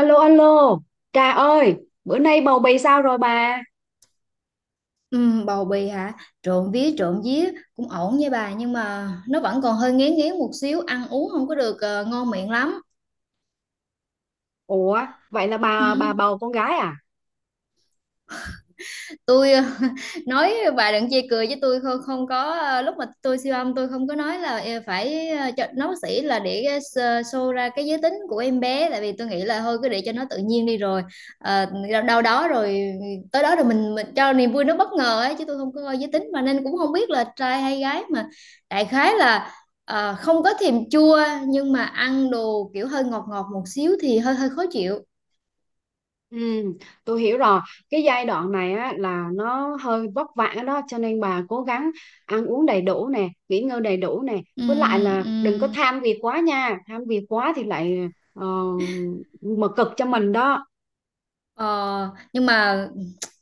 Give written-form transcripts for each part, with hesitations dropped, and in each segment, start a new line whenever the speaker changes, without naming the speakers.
Alo alo, Trà ơi, bữa nay bầu bì sao rồi bà?
Ừ, bầu bì hả? Trộn vía cũng ổn nha bà, nhưng mà nó vẫn còn hơi ngén ngén một xíu, ăn uống không có được ngon miệng lắm.
Ủa, vậy là bà
Ừ.
bầu con gái à?
Tôi nói bà đừng chê cười với tôi, không không có, lúc mà tôi siêu âm tôi không có nói là, phải cho nó bác sĩ là để, show ra cái giới tính của em bé, tại vì tôi nghĩ là thôi cứ để cho nó tự nhiên đi, rồi Ờ, đâu đâu đó rồi ừ, tới đó rồi mình cho niềm vui nó bất ngờ ấy chứ, tôi không có coi giới tính mà nên cũng không biết là trai hay gái mà. Đại khái là không có thèm chua, nhưng mà ăn đồ kiểu hơi ngọt ngọt một xíu thì hơi hơi khó chịu.
Ừ, tôi hiểu rồi. Cái giai đoạn này á là nó hơi vất vả đó cho nên bà cố gắng ăn uống đầy đủ nè, nghỉ ngơi đầy đủ nè.
Ừ.
Với lại là
Ừ.
đừng có tham việc quá nha, tham việc quá thì lại ờ, mà cực cho mình đó.
Ờ, nhưng mà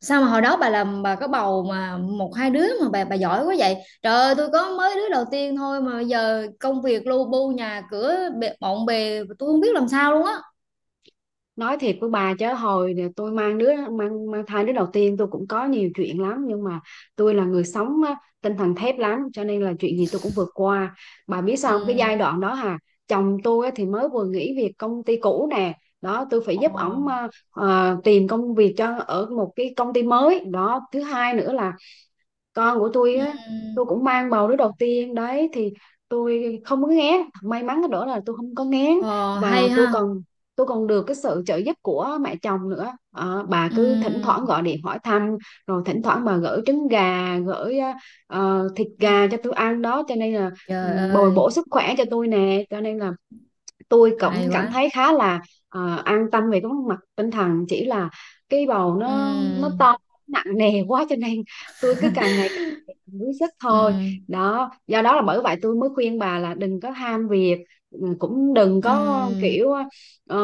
sao mà hồi đó bà làm, bà có bầu mà một hai đứa mà bà giỏi quá vậy? Trời ơi, tôi có mới đứa đầu tiên thôi mà giờ công việc lu bu, nhà cửa bộn bề, tôi không biết làm sao luôn á.
Nói thiệt với bà chứ hồi nè, tôi mang thai đứa đầu tiên, tôi cũng có nhiều chuyện lắm, nhưng mà tôi là người sống á, tinh thần thép lắm cho nên là chuyện gì tôi cũng vượt qua. Bà biết sao không? Cái giai
Ừ.
đoạn đó hà, chồng tôi á, thì mới vừa nghỉ việc công ty cũ nè, đó tôi phải
Ồ.
giúp ổng tìm công việc cho ở một cái công ty mới. Đó thứ hai nữa là con của tôi
Ừ.
á, tôi cũng mang bầu đứa đầu tiên đấy, thì tôi không có ngán. May mắn cái đó là tôi không có ngán.
Ờ, hay
Và tôi
ha.
còn tôi còn được cái sự trợ giúp của mẹ chồng nữa. Bà
Ừ.
cứ thỉnh thoảng gọi điện hỏi thăm, rồi thỉnh thoảng bà gửi trứng gà, gửi thịt
Ừ.
gà cho tôi ăn đó, cho nên là ừ,
Trời
bồi
ơi,
bổ sức khỏe cho tôi nè. Cho nên là tôi cũng
hay
cảm
quá.
thấy khá là an tâm về cái mặt tinh thần, chỉ là cái bầu nó
Ừ.
to, nặng nề quá cho nên tôi cứ càng ngày càng đuối sức
Ừ.
thôi. Đó, do đó là bởi vậy tôi mới khuyên bà là đừng có ham việc, cũng đừng có
Ừ.
kiểu ờ,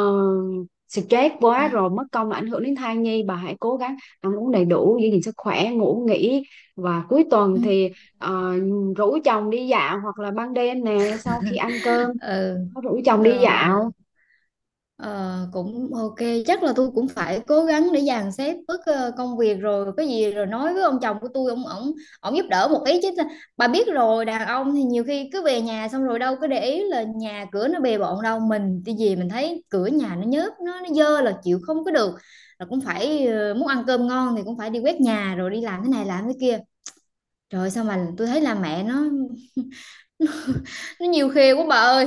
stress
Ừ.
quá rồi mất công là ảnh hưởng đến thai nhi. Bà hãy cố gắng ăn uống đầy đủ, giữ gìn sức khỏe, ngủ nghỉ, và cuối
Ừ.
tuần
Ừ.
thì ờ, rủ chồng đi dạo, hoặc là ban đêm nè, sau khi ăn cơm có rủ chồng đi
Ờ.
dạo.
Ờ, cũng ok. Chắc là tôi cũng phải cố gắng để dàn xếp bớt công việc rồi cái gì, rồi nói với ông chồng của tôi, ổng ổng giúp đỡ một ý chứ. Bà biết rồi, đàn ông thì nhiều khi cứ về nhà xong rồi đâu có để ý là nhà cửa nó bề bộn đâu. Mình cái gì mình thấy cửa nhà nó nhớp, nó dơ là chịu không có được, là cũng phải muốn ăn cơm ngon thì cũng phải đi quét nhà rồi đi làm thế này làm thế kia. Trời ơi, sao mà tôi thấy là mẹ nó nhiều khê quá bà ơi.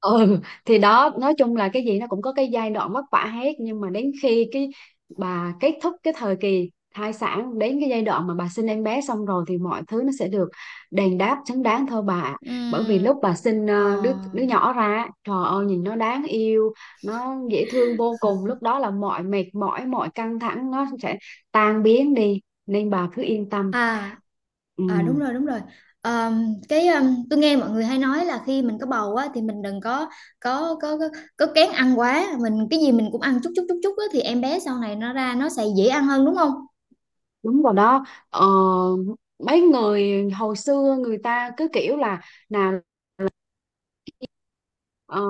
Ừ, thì đó nói chung là cái gì nó cũng có cái giai đoạn vất vả hết, nhưng mà đến khi cái bà kết thúc cái thời kỳ thai sản, đến cái giai đoạn mà bà sinh em bé xong rồi thì mọi thứ nó sẽ được đền đáp xứng đáng thôi bà ạ. Bởi vì
Ừm.
lúc bà sinh đứa
Ờ.
đứa nhỏ ra á, trời ơi nhìn nó đáng yêu, nó dễ thương vô cùng, lúc đó là mọi mệt mỏi, mọi căng thẳng nó sẽ tan biến đi, nên bà cứ yên tâm.
À,
Ừ.
à đúng rồi, đúng rồi. Cái tôi nghe mọi người hay nói là khi mình có bầu á thì mình đừng có có có có, có kén ăn quá. Mình cái gì mình cũng ăn chút chút chút chút á thì em bé sau này nó ra nó sẽ dễ ăn hơn đúng không?
Đúng rồi đó. ờ, Mấy người hồi xưa người ta cứ kiểu là nào, Ờ,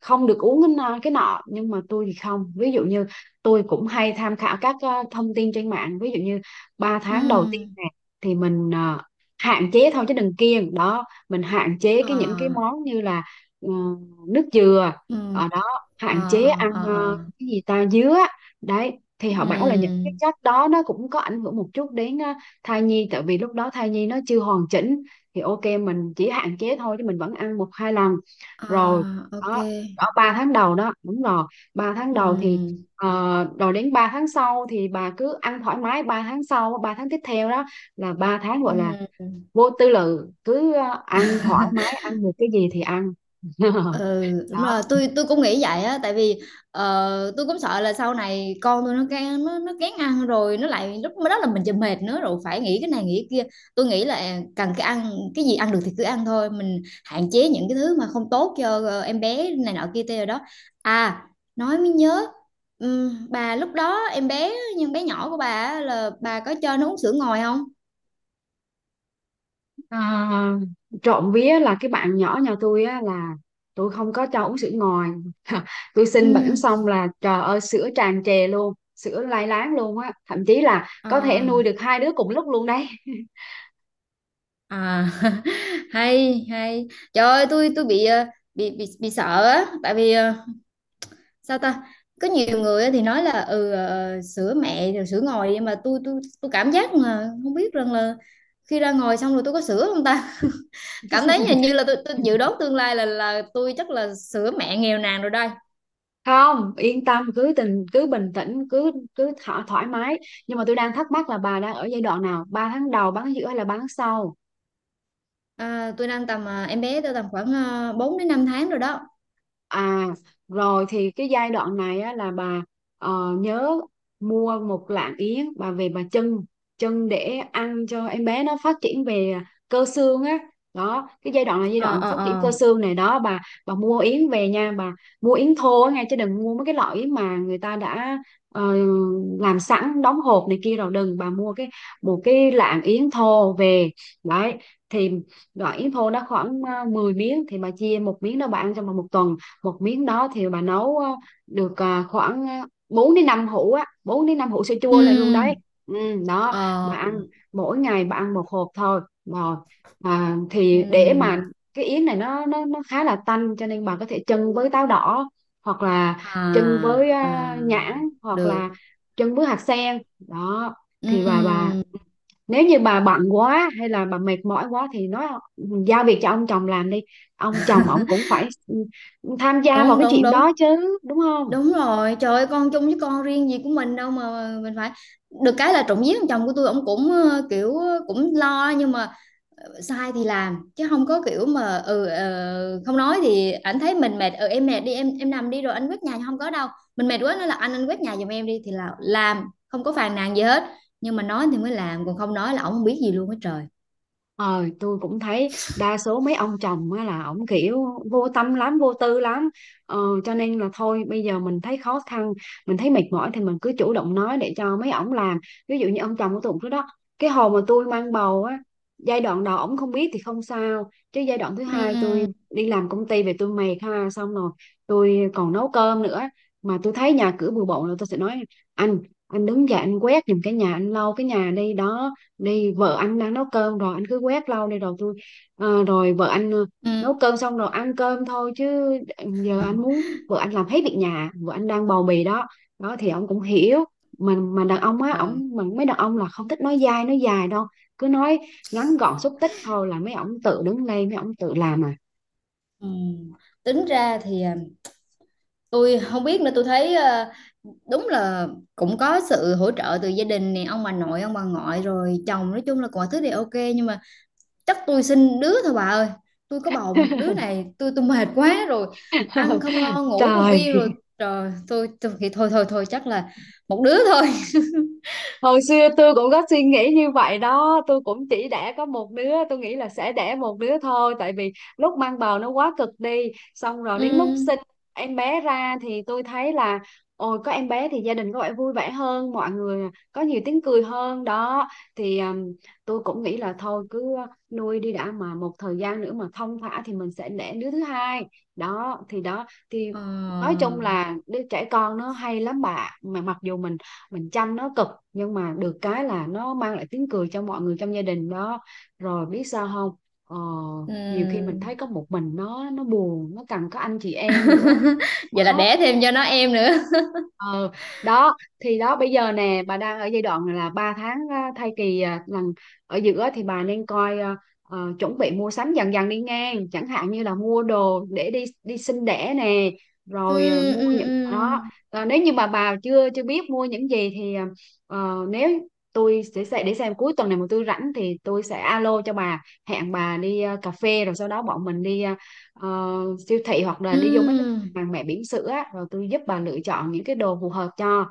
không được uống cái nọ cái nọ. Nhưng mà tôi thì không, ví dụ như tôi cũng hay tham khảo các thông tin trên mạng. Ví dụ như ba
Ừ.
tháng đầu tiên này thì mình hạn chế thôi chứ đừng kiêng. Đó, mình hạn chế
Ờ.
cái những cái món như là ờ, nước dừa
Ừ.
ở đó, hạn
Ờ
chế
ờ
ăn
ờ. Ờ.
cái gì, ta, dứa đấy. Thì họ bảo là những cái
Ừ.
chất đó nó cũng có ảnh hưởng một chút đến thai nhi, tại vì lúc đó thai nhi nó chưa hoàn chỉnh. Thì ok, mình chỉ hạn chế thôi chứ mình vẫn ăn một hai lần rồi.
À, ok.
Đó, ở 3 tháng đầu đó. Đúng rồi, 3 tháng đầu thì
Ừ.
ờ, rồi đến 3 tháng sau thì bà cứ ăn thoải mái. 3 tháng sau, 3 tháng tiếp theo đó, là 3 tháng gọi là
Ừ.
vô tư lự, cứ ăn thoải mái, ăn được cái gì thì ăn.
Ừ đúng
Đó,
rồi, tôi cũng nghĩ vậy á, tại vì tôi cũng sợ là sau này con tôi nó kén, nó kén ăn rồi nó lại, lúc đó là mìnhจะmệt nữa rồi phải nghĩ cái này nghĩ cái kia. Tôi nghĩ là cần cái ăn cái gì ăn được thì cứ ăn thôi, mình hạn chế những cái thứ mà không tốt cho em bé này nọ kia tê rồi đó. À, nói mới nhớ, bà lúc đó em bé nhưng bé nhỏ của bà á, là bà có cho nó uống sữa ngoài không?
à, trộm vía là cái bạn nhỏ nhà tôi á là tôi không có cho uống sữa ngoài. Tôi
Ừ.
xin bẵng xong là trời ơi, sữa tràn trề luôn, sữa lai láng luôn á, thậm chí là có thể
À.
nuôi được hai đứa cùng lúc luôn đấy.
À, hay hay. Trời ơi, tôi bị bị sợ á, tại vì sao ta, có nhiều người á thì nói là ừ, sữa mẹ rồi sữa ngồi, nhưng mà tôi cảm giác mà không biết rằng là khi ra ngồi xong rồi tôi có sữa không ta. Cảm thấy hình như là tôi dự đoán tương lai là tôi chắc là sữa mẹ nghèo nàn rồi đây.
Không yên tâm, cứ tình cứ bình tĩnh, cứ cứ thỏ, thoải mái. Nhưng mà tôi đang thắc mắc là bà đang ở giai đoạn nào, 3 tháng đầu, 3 tháng giữa hay là 3 tháng sau?
À, tôi đang tầm em bé tôi tầm khoảng 4 đến 5 tháng rồi đó.
À, rồi thì cái giai đoạn này á, là bà nhớ mua 1 lạng yến bà về bà chưng, chưng để ăn cho em bé nó phát triển về cơ xương á. Đó cái giai đoạn là giai
Ờ
đoạn
ờ
phát triển cơ
ờ.
xương này đó bà mua yến về nha bà. Mua yến thô á nghe, chứ đừng mua mấy cái loại yến mà người ta đã ờ, làm sẵn đóng hộp này kia rồi, đừng. Bà mua cái một cái lạng yến thô về đấy. Thì loại yến thô nó khoảng 10 miếng thì bà chia một miếng, đó bà ăn trong vòng 1 tuần. Một miếng đó thì bà nấu được khoảng 4 đến 5 hũ á, 4 đến 5 hũ sữa chua lại luôn đấy.
Ừ.
ừ, Đó,
Ờ.
bà ăn mỗi ngày, bà ăn một hộp thôi. Rồi thì để mà
Ừ.
cái yến này nó khá là tanh, cho nên bà có thể chưng với táo đỏ, hoặc là chưng
À.
với
À.
nhãn, hoặc
Được.
là chưng với hạt sen đó. Thì bà
Ừm.
nếu như bà bận quá hay là bà mệt mỏi quá thì nói, giao việc cho ông chồng làm đi. Ông chồng ổng cũng phải tham gia vào
Đúng
cái
đúng
chuyện đó
đúng,
chứ đúng không?
đúng rồi, trời ơi, con chung với con riêng gì của mình đâu mà mình phải. Được cái là trộm vía thằng chồng của tôi ông cũng kiểu cũng lo, nhưng mà sai thì làm chứ không có kiểu mà ừ, không nói thì ảnh thấy mình mệt, ừ em mệt đi em nằm đi rồi anh quét nhà, không có đâu. Mình mệt quá nói là anh quét nhà giùm em đi thì là làm, không có phàn nàn gì hết, nhưng mà nói thì mới làm, còn không nói là ổng không biết gì luôn á trời.
Ờ, tôi cũng thấy đa số mấy ông chồng á là ổng kiểu vô tâm lắm, vô tư lắm. Ờ, cho nên là thôi bây giờ mình thấy khó khăn, mình thấy mệt mỏi thì mình cứ chủ động nói để cho mấy ổng làm. Ví dụ như ông chồng của tôi cũng đó. Cái hồi mà tôi mang bầu á, giai đoạn đầu ổng không biết thì không sao. Chứ giai đoạn thứ hai
Ừm.
tôi đi làm công ty về tôi mệt ha, xong rồi tôi còn nấu cơm nữa. Mà tôi thấy nhà cửa bừa bộn, rồi tôi sẽ nói anh, anh đứng dậy anh quét giùm cái nhà, anh lau cái nhà đi. Đó, đi vợ anh đang nấu cơm, rồi anh cứ quét lâu đi rồi tôi rồi vợ anh
Ừm.
nấu cơm xong rồi ăn cơm thôi chứ. Giờ anh muốn vợ anh làm hết việc nhà, vợ anh đang bầu bì đó. Đó thì ông cũng hiểu. Mà đàn ông á,
Ờ.
ổng, mà mấy đàn ông là không thích nói dai nói dài đâu, cứ nói ngắn gọn xúc tích thôi là mấy ổng tự đứng lên, mấy ổng tự làm à.
Ừm. Tính ra thì à, tôi không biết nữa, tôi thấy đúng là cũng có sự hỗ trợ từ gia đình này, ông bà nội ông bà ngoại rồi chồng, nói chung là mọi thứ đều ok, nhưng mà chắc tôi sinh đứa thôi bà ơi. Tôi có bầu một đứa này tôi mệt quá rồi, ăn không ngon ngủ không
Trời,
yên rồi, trời. Tôi thì thôi thôi thôi, chắc là một đứa thôi.
hồi xưa tôi cũng có suy nghĩ như vậy đó, tôi cũng chỉ đẻ có một đứa, tôi nghĩ là sẽ đẻ một đứa thôi, tại vì lúc mang bầu nó quá cực đi. Xong rồi
Ừ.
đến lúc sinh em bé ra thì tôi thấy là ôi, có em bé thì gia đình có vẻ vui vẻ hơn, mọi người có nhiều tiếng cười hơn đó. Thì tôi cũng nghĩ là thôi cứ nuôi đi đã, mà một thời gian nữa mà thong thả thì mình sẽ đẻ đứa thứ hai. Đó thì đó thì
Ờ.
nói chung là đứa trẻ con nó hay lắm bà, mà mặc dù mình chăm nó cực, nhưng mà được cái là nó mang lại tiếng cười cho mọi người trong gia đình đó. Rồi biết sao không, ờ, nhiều khi mình
Ừ.
thấy có một mình nó buồn, nó cần có anh chị em nữa.
Vậy là đẻ
Đó
thêm cho nó em nữa.
ờ đó thì đó bây giờ nè, bà đang ở giai đoạn là 3 tháng thai kỳ lần ở giữa, thì bà nên coi chuẩn bị mua sắm dần dần đi ngang, chẳng hạn như là mua đồ để đi đi sinh đẻ nè,
Ừ.
rồi mua
Ừ.
những
Ừ.
đó. Ờ, nếu như mà bà chưa chưa biết mua những gì thì nếu tôi sẽ để xem cuối tuần này mà tôi rảnh thì tôi sẽ alo cho bà, hẹn bà đi cà phê, rồi sau đó bọn mình đi ờ, siêu thị, hoặc là
Ừ.
đi vô mấy hàng mẹ bỉm sữa á, rồi tôi giúp bà lựa chọn những cái đồ phù hợp cho.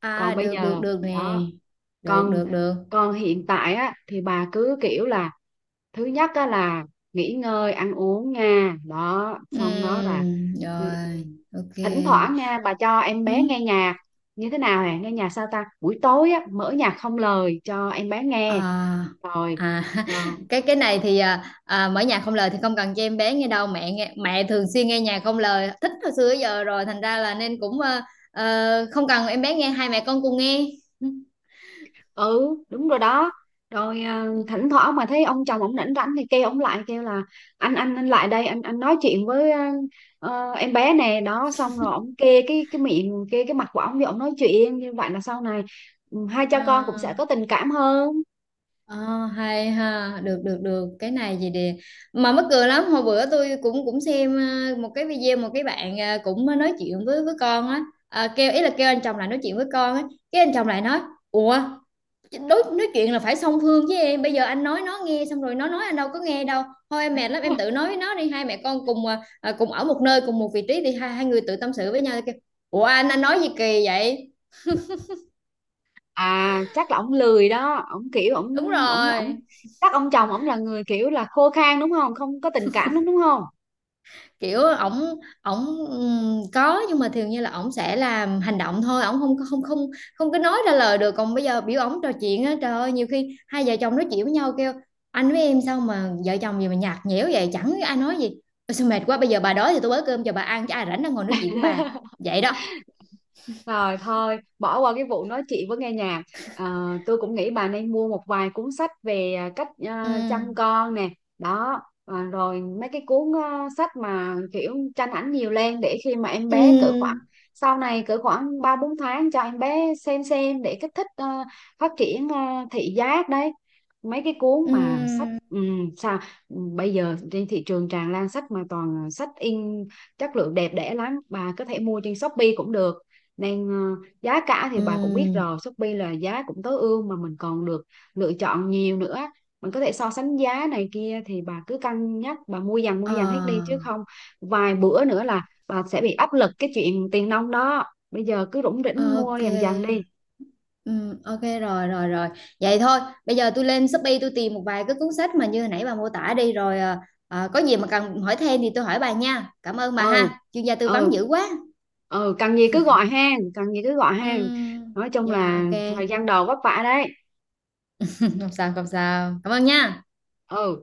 À,
Còn bây
được được
giờ
được nè.
đó,
Được
còn
được được.
còn hiện tại á thì bà cứ kiểu là thứ nhất á là nghỉ ngơi ăn uống nha. Đó xong đó là ừ,
Rồi, ok.
thỉnh thoảng nha bà cho em bé
Ừm.
nghe nhạc như thế nào nè, nghe nhạc sao ta, buổi tối á mở nhạc không lời cho em bé nghe.
À,
Rồi,
à cái này thì mở nhạc không lời thì không cần cho em bé nghe đâu, mẹ nghe, mẹ thường xuyên nghe nhạc không lời, thích hồi xưa tới giờ rồi, thành ra là nên cũng không cần em bé nghe, hai mẹ con cùng nghe. Ừm.
ừ, đúng rồi đó. Rồi thỉnh thoảng mà thấy ông chồng ông rảnh rảnh thì kêu ông lại kêu là anh, anh lại đây anh nói chuyện với em bé nè. Đó xong rồi ông kê cái miệng, kê cái mặt của ông thì ông nói chuyện như vậy là sau này hai cha con cũng sẽ
À.
có tình cảm hơn.
Ờ, hay ha, được được được, cái này gì đi. Mà mắc cười lắm, hồi bữa tôi cũng cũng xem một cái video, một cái bạn cũng nói chuyện với con á. À, kêu ý là kêu anh chồng lại nói chuyện với con á. Cái anh chồng lại nói ủa, đối nói chuyện là phải song phương với em, bây giờ anh nói nó nghe xong rồi nó nói anh đâu có nghe đâu, thôi em mệt lắm, em tự nói với nó đi, hai mẹ con cùng cùng ở một nơi cùng một vị trí thì hai hai người tự tâm sự với nhau. Kêu ủa anh nói gì kỳ vậy.
À chắc là ông lười đó, ông kiểu ông
Đúng
ông ông
rồi,
chắc ông chồng ông là người kiểu là khô khan đúng không, không có tình cảm đúng, đúng không?
kiểu ổng ổng có, nhưng mà thường như là ổng sẽ làm hành động thôi, ổng không không không không có nói ra lời được. Còn bây giờ biểu ổng trò chuyện á, trời ơi, nhiều khi hai vợ chồng nói chuyện với nhau kêu anh với em sao mà vợ chồng gì mà nhạt nhẽo vậy, chẳng ai nói gì. Ôi, sao mệt quá, bây giờ bà đói thì tôi bới cơm cho bà ăn chứ ai rảnh đang ngồi nói chuyện với bà. Vậy đó.
Rồi thôi, bỏ qua cái vụ nói chị với nghe nhạc. Ờ, tôi cũng nghĩ bà nên mua một vài cuốn sách về cách
Ừ.
chăm con nè. Đó, rồi mấy cái cuốn sách mà kiểu tranh ảnh nhiều lên để khi mà em bé cỡ khoảng
Ừ.
sau này cỡ khoảng 3, 4 tháng cho em bé xem để kích thích phát triển thị giác đấy. Mấy cái cuốn mà sách
Ừ.
sao bây giờ trên thị trường tràn lan sách mà toàn là sách in chất lượng đẹp đẽ lắm, bà có thể mua trên Shopee cũng được. Nên giá cả thì bà cũng biết
Ừ.
rồi, Shopee là giá cũng tối ưu mà mình còn được lựa chọn nhiều nữa. Mình có thể so sánh giá này kia thì bà cứ cân nhắc, bà mua
Ờ,
dần hết đi chứ không vài bữa nữa là bà sẽ bị áp lực cái chuyện tiền nong đó. Bây giờ cứ rủng rỉnh mua
ok.
dần dần đi.
Ừ, ok rồi rồi rồi, vậy thôi. Bây giờ tôi lên Shopee tôi tìm một vài cái cuốn sách mà như hồi nãy bà mô tả đi, rồi có gì mà cần hỏi thêm thì tôi hỏi bà nha. Cảm ơn bà
Ừ,
ha, chuyên gia tư
ừ,
vấn dữ quá.
ừ, cần gì cứ gọi hàng, cần gì cứ gọi
Ừ,
hàng. Nói chung
dạ
là
ok.
thời gian đầu vất vả đấy.
Không sao không sao, cảm ơn nha.
Ừ.